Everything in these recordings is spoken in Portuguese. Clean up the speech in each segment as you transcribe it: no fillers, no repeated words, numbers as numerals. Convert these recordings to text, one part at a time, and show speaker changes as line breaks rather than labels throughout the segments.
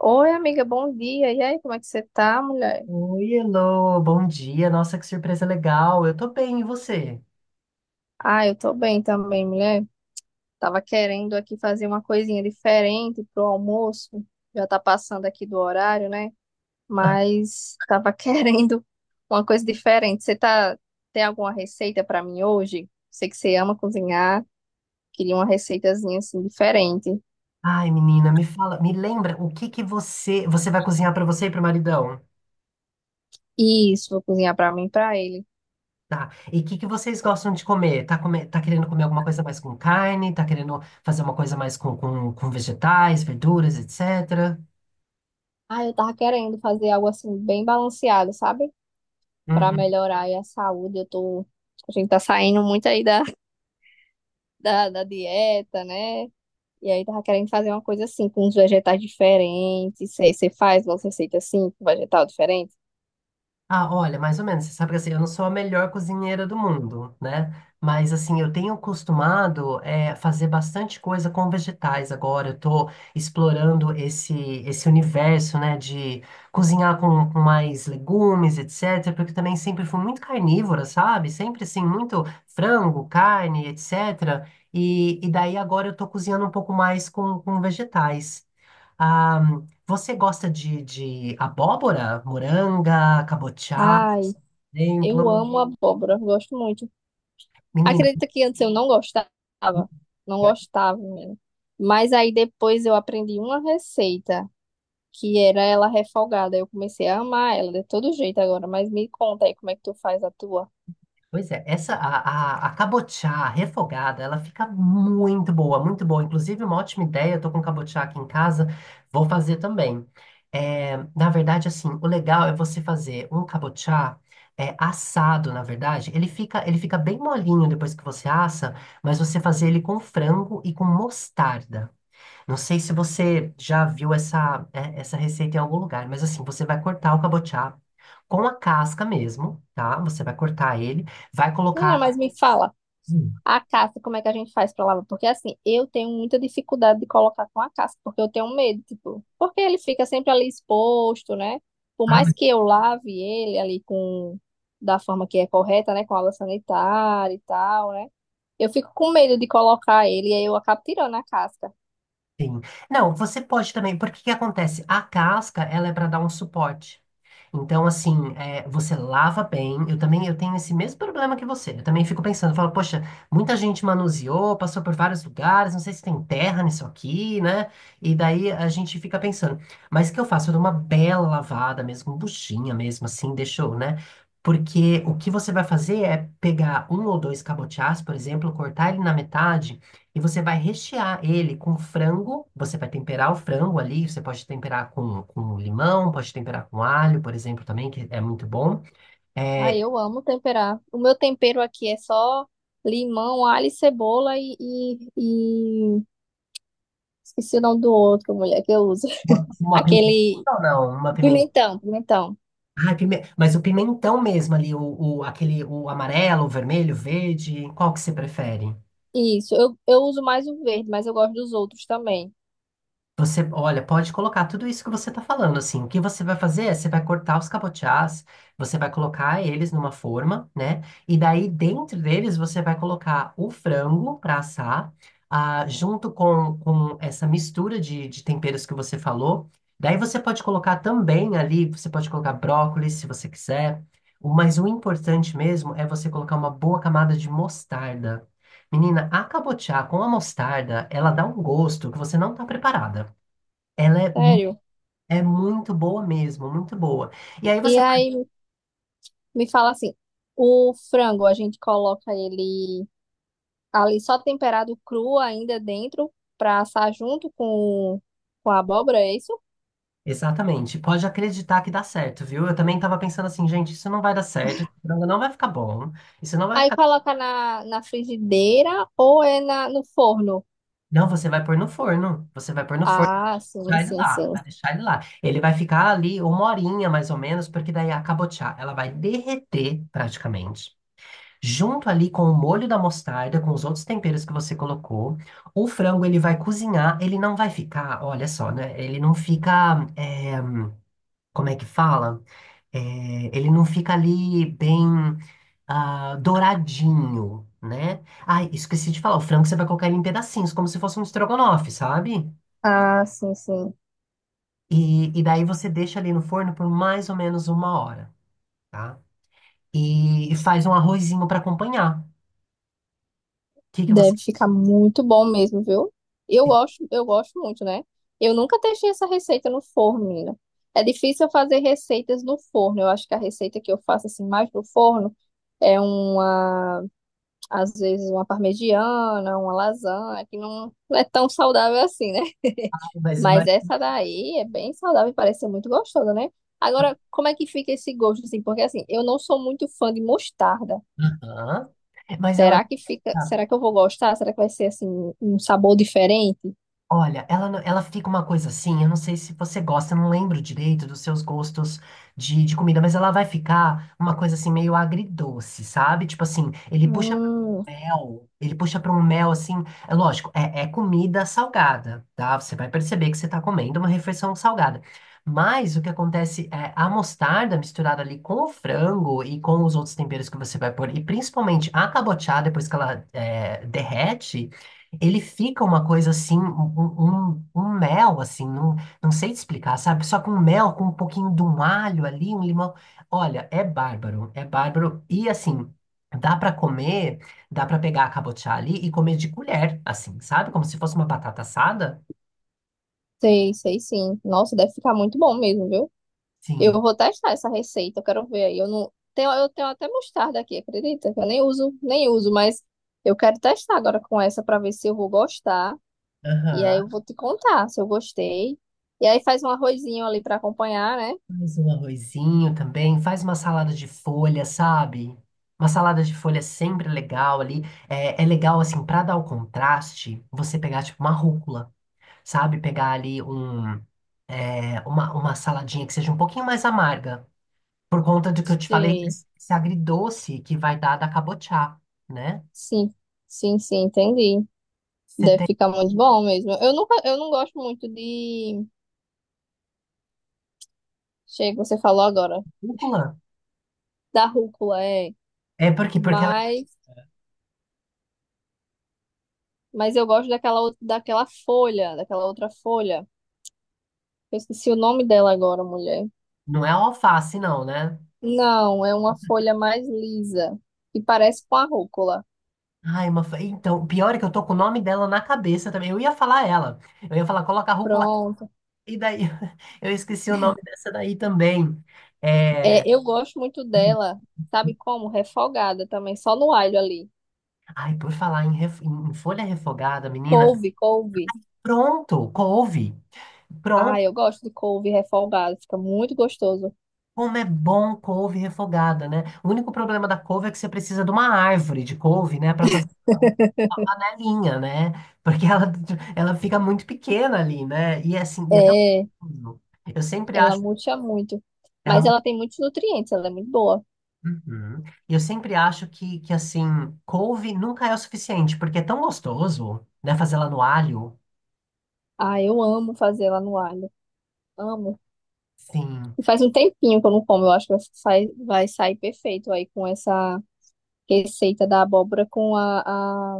Oi, amiga, bom dia. E aí, como é que você tá, mulher?
Oi, Elô, bom dia. Nossa, que surpresa legal. Eu tô bem, e você?
Ah, eu tô bem também, mulher. Tava querendo aqui fazer uma coisinha diferente pro almoço. Já tá passando aqui do horário, né? Mas tava querendo uma coisa diferente. Você tá Tem alguma receita pra mim hoje? Sei que você ama cozinhar. Queria uma receitazinha assim diferente.
Ai, menina, me fala, me lembra o que que você vai cozinhar pra você e pro maridão?
Isso, vou cozinhar pra mim e pra ele.
Tá. E o que que vocês gostam de comer? Tá, come, tá querendo comer alguma coisa mais com carne? Tá querendo fazer uma coisa mais com vegetais, verduras, etc?
Ah, eu tava querendo fazer algo assim bem balanceado, sabe? Para
Uhum.
melhorar aí a saúde. A gente tá saindo muito aí da dieta, né? E aí tava querendo fazer uma coisa assim, com uns vegetais diferentes. Sei, você faz uma receita assim, com vegetal diferente?
Ah, olha, mais ou menos. Você sabe que assim, eu não sou a melhor cozinheira do mundo, né? Mas assim, eu tenho acostumado fazer bastante coisa com vegetais agora. Eu tô explorando esse universo, né, de cozinhar com mais legumes, etc. Porque eu também sempre fui muito carnívora, sabe? Sempre assim, muito frango, carne, etc. E daí agora eu tô cozinhando um pouco mais com vegetais. Ah, você gosta de abóbora, moranga, cabotiá,
Ai,
por
eu
exemplo?
amo abóbora, gosto muito.
Menina,
Acredita que antes eu não gostava, não gostava mesmo. Mas aí depois eu aprendi uma receita, que era ela refogada. Eu comecei a amar ela de todo jeito agora, mas me conta aí como é que tu faz a tua.
pois é, essa a cabotiá refogada, ela fica muito boa, muito boa. Inclusive, uma ótima ideia, eu tô com cabotiá aqui em casa, vou fazer também. É, na verdade, assim, o legal é você fazer um cabotiá assado, na verdade. Ele fica bem molinho depois que você assa, mas você fazer ele com frango e com mostarda. Não sei se você já viu essa, essa receita em algum lugar, mas assim, você vai cortar o cabotiá com a casca mesmo, tá? Você vai cortar ele, vai
Menina,
colocar.
mas me fala.
Hum.
A casca, como é que a gente faz pra lavar? Porque assim, eu tenho muita dificuldade de colocar com a casca, porque eu tenho medo, tipo, porque ele fica sempre ali exposto, né? Por
Ah,
mais que eu lave ele ali com da forma que é correta, né, com água sanitária e tal, né? Eu fico com medo de colocar ele e aí eu acabo tirando a casca.
sim. Não, você pode também, porque o que acontece? A casca, ela é para dar um suporte. Então, assim, você lava bem. Eu também, eu tenho esse mesmo problema que você. Eu também fico pensando, falo, poxa, muita gente manuseou, passou por vários lugares, não sei se tem terra nisso aqui, né? E daí a gente fica pensando, mas o que eu faço? Eu dou uma bela lavada mesmo, buchinha mesmo, assim, deixou, né? Porque o que você vai fazer é pegar um ou dois cabotiás, por exemplo, cortar ele na metade e você vai rechear ele com frango. Você vai temperar o frango ali. Você pode temperar com limão, pode temperar com alho, por exemplo, também, que é muito bom.
Aí
É,
eu amo temperar. O meu tempero aqui é só limão, alho e cebola e... esqueci o nome do outro, mulher, que eu uso.
uma, uma pimentão,
Aquele
não, uma pimentão.
pimentão, pimentão.
Ah, mas o pimentão mesmo ali, aquele, o amarelo, o vermelho, o verde, qual que você prefere?
Isso, eu uso mais o verde, mas eu gosto dos outros também.
Você, olha, pode colocar tudo isso que você está falando, assim. O que você vai fazer é, você vai cortar os cabotiás, você vai colocar eles numa forma, né? E daí, dentro deles, você vai colocar o frango para assar, junto com essa mistura de temperos que você falou. Daí, você pode colocar também ali, você pode colocar brócolis, se você quiser. Mas o importante mesmo é você colocar uma boa camada de mostarda. Menina, a cabotiá com a mostarda, ela dá um gosto que você não está preparada. Ela é, mu-
Sério.
É muito boa mesmo, muito boa. E aí
E
você faz.
aí me fala assim, o frango a gente coloca ele ali só temperado cru ainda dentro para assar junto com a abóbora, é isso?
Exatamente, pode acreditar que dá certo, viu? Eu também tava pensando assim, gente, isso não vai dar certo, esse frango não vai ficar bom, isso não vai
Aí
ficar.
coloca na frigideira ou é na, no forno?
Não, você vai pôr no forno, você vai pôr no forno,
Ah, sim,
vai deixar ele
sim,
lá,
sim.
vai deixar ele lá. Ele vai ficar ali uma horinha mais ou menos, porque daí é a cabotiá, ela vai derreter praticamente. Junto ali com o molho da mostarda, com os outros temperos que você colocou, o frango ele vai cozinhar, ele não vai ficar, olha só, né? Ele não fica. É, como é que fala? É, Ele não fica ali bem douradinho, né? Ai, esqueci de falar, o frango você vai colocar ele em pedacinhos, como se fosse um estrogonofe, sabe?
Ah, sim, sim.
E daí você deixa ali no forno por mais ou menos uma hora, tá? E faz um arrozinho para acompanhar. O que que você
Deve
faz?
ficar muito bom mesmo, viu? Eu gosto muito, né? Eu nunca testei essa receita no forno, menina. É difícil eu fazer receitas no forno. Eu acho que a receita que eu faço assim mais no forno é uma, às vezes uma parmegiana, uma lasanha, que não, não é tão saudável assim, né?
Mas,
Mas
mas,
essa daí é bem saudável e parece ser muito gostosa, né? Agora, como é que fica esse gosto assim? Porque assim, eu não sou muito fã de mostarda.
Aham. Mas ela
Será que fica, será que eu vou gostar? Será que vai ser assim um sabor diferente?
Olha, ela, ela fica uma coisa assim, eu não sei se você gosta, eu não lembro direito dos seus gostos de comida, mas ela vai ficar uma coisa assim meio agridoce, sabe? Tipo assim, ele puxa para
Hum,
mel, ele puxa para um mel assim, é lógico, é comida salgada, tá? Você vai perceber que você está comendo uma refeição salgada. Mas o que acontece é a mostarda misturada ali com o frango e com os outros temperos que você vai pôr, e principalmente a cabotiá, depois que derrete. Ele fica uma coisa assim, um mel, assim, não, não sei te explicar, sabe? Só com mel, com um pouquinho de um alho ali, um limão. Olha, é bárbaro, é bárbaro. E assim, dá pra comer, dá pra pegar a cabotiá ali e comer de colher, assim, sabe? Como se fosse uma batata assada.
sei, sei sim. Nossa, deve ficar muito bom mesmo, viu? Eu
Sim.
vou testar essa receita, eu quero ver aí. Eu não tenho, Eu tenho até mostarda aqui, acredita? Eu nem uso, nem uso, mas eu quero testar agora com essa pra ver se eu vou gostar. E aí
Aham.
eu vou te contar se eu gostei. E aí faz um arrozinho ali pra acompanhar, né?
Faz um arrozinho também, faz uma salada de folha, sabe? Uma salada de folha é sempre legal ali. É legal, assim, pra dar o contraste, você pegar, tipo, uma rúcula. Sabe? Pegar ali um, uma saladinha que seja um pouquinho mais amarga, por conta do que eu te falei,
Sei.
esse agridoce que vai dar da cabotiá, né?
Sim, sim, sim, entendi.
Você
Deve
tem
ficar muito bom mesmo. Eu não gosto muito de Chega, você falou agora.
rúcula?
Da rúcula, é.
É porque ela
Mas, mas eu gosto daquela, outra- daquela folha, daquela outra folha. Eu esqueci o nome dela agora, mulher.
não é alface, não, né?
Não, é uma folha mais lisa, que parece com a rúcula.
Ai, então, pior é que eu tô com o nome dela na cabeça também. Eu ia falar ela. Eu ia falar, coloca a rúcula.
Pronto.
E daí, eu esqueci o nome dessa daí também. É...
É, eu gosto muito dela, sabe como? Refogada também, só no alho ali.
Ai, por falar em, em folha refogada, menina.
Couve, couve.
Pronto, couve.
Ah,
Pronto.
eu gosto de couve refogada, fica muito gostoso.
Como é bom couve refogada, né? O único problema da couve é que você precisa de uma árvore de couve, né, para fazer uma panelinha, né? Porque ela fica muito pequena ali, né? E assim, e é tão
É,
gostoso. Eu sempre
ela
acho
murcha muito.
ela
Mas
mu-
ela tem muitos nutrientes, ela é muito boa.
Uhum. E eu sempre acho que assim, couve nunca é o suficiente, porque é tão gostoso, né, fazer ela no alho.
Ah, eu amo fazer ela no alho. Amo.
Sim.
E faz um tempinho que eu não como. Eu acho que vai sair perfeito aí com essa receita da abóbora com a-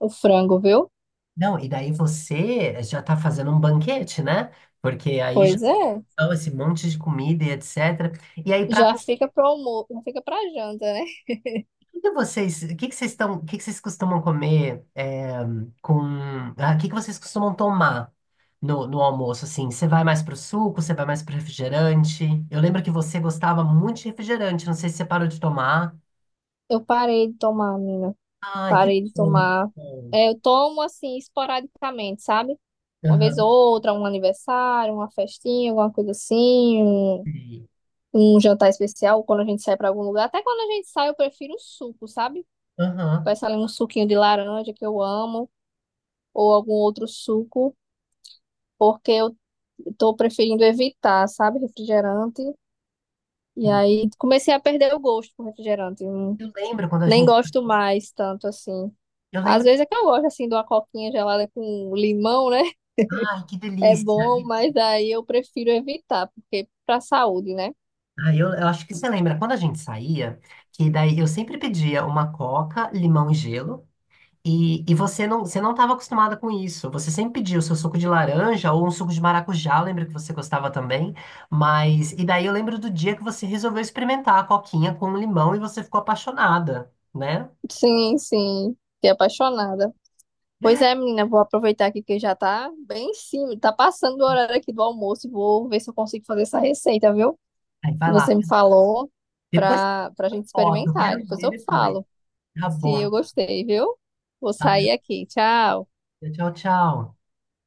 o frango, viu?
Não, e daí você já tá fazendo um banquete, né? Porque aí já
Pois é.
dão esse monte de comida e etc. E aí, para
Já fica pro almoço, não fica pra janta, né?
que que vocês, o que que vocês estão, o que que vocês costumam comer com, o que que vocês costumam tomar no almoço, assim? Você vai mais pro suco, você vai mais pro refrigerante? Eu lembro que você gostava muito de refrigerante, não sei se você parou de tomar.
Eu parei de tomar, menina.
Ai, que
Parei de
bom.
tomar.
Bom.
É, eu tomo assim, esporadicamente, sabe? Uma vez ou
Aham.
outra, um aniversário, uma festinha, alguma coisa assim, um,
Sim.
um jantar especial, quando a gente sai pra algum lugar. Até quando a gente sai, eu prefiro o suco, sabe?
Aham.
Peço ali um suquinho de laranja que eu amo. Ou algum outro suco, porque eu tô preferindo evitar, sabe, refrigerante. E
Sim.
aí comecei a perder o gosto com refrigerante. Não-
Eu lembro quando a
Nem
gente,
gosto mais tanto assim.
eu
Às
lembro,
vezes é que eu gosto assim de uma coquinha gelada com limão, né?
ai, que
É
delícia.
bom, mas daí eu prefiro evitar, porque pra saúde, né?
Ai, eu acho que você lembra quando a gente saía, que daí eu sempre pedia uma coca, limão e gelo. E você não estava acostumada com isso. Você sempre pedia o seu suco de laranja ou um suco de maracujá, eu lembro que você gostava também. Mas, e daí eu lembro do dia que você resolveu experimentar a coquinha com limão e você ficou apaixonada, né?
Sim, sim. Fiquei apaixonada. Pois é, menina, vou aproveitar aqui que já tá bem em cima, tá passando o horário aqui do almoço e vou ver se eu consigo fazer essa receita, viu?
Aí
Que
vai lá.
você me falou
Depois tem
para a gente
foto, eu
experimentar.
quero
Depois
ver
eu
depois.
falo
Tá
se
bom.
eu gostei, viu? Vou
Tá?
sair aqui. Tchau.
Tchau, tchau.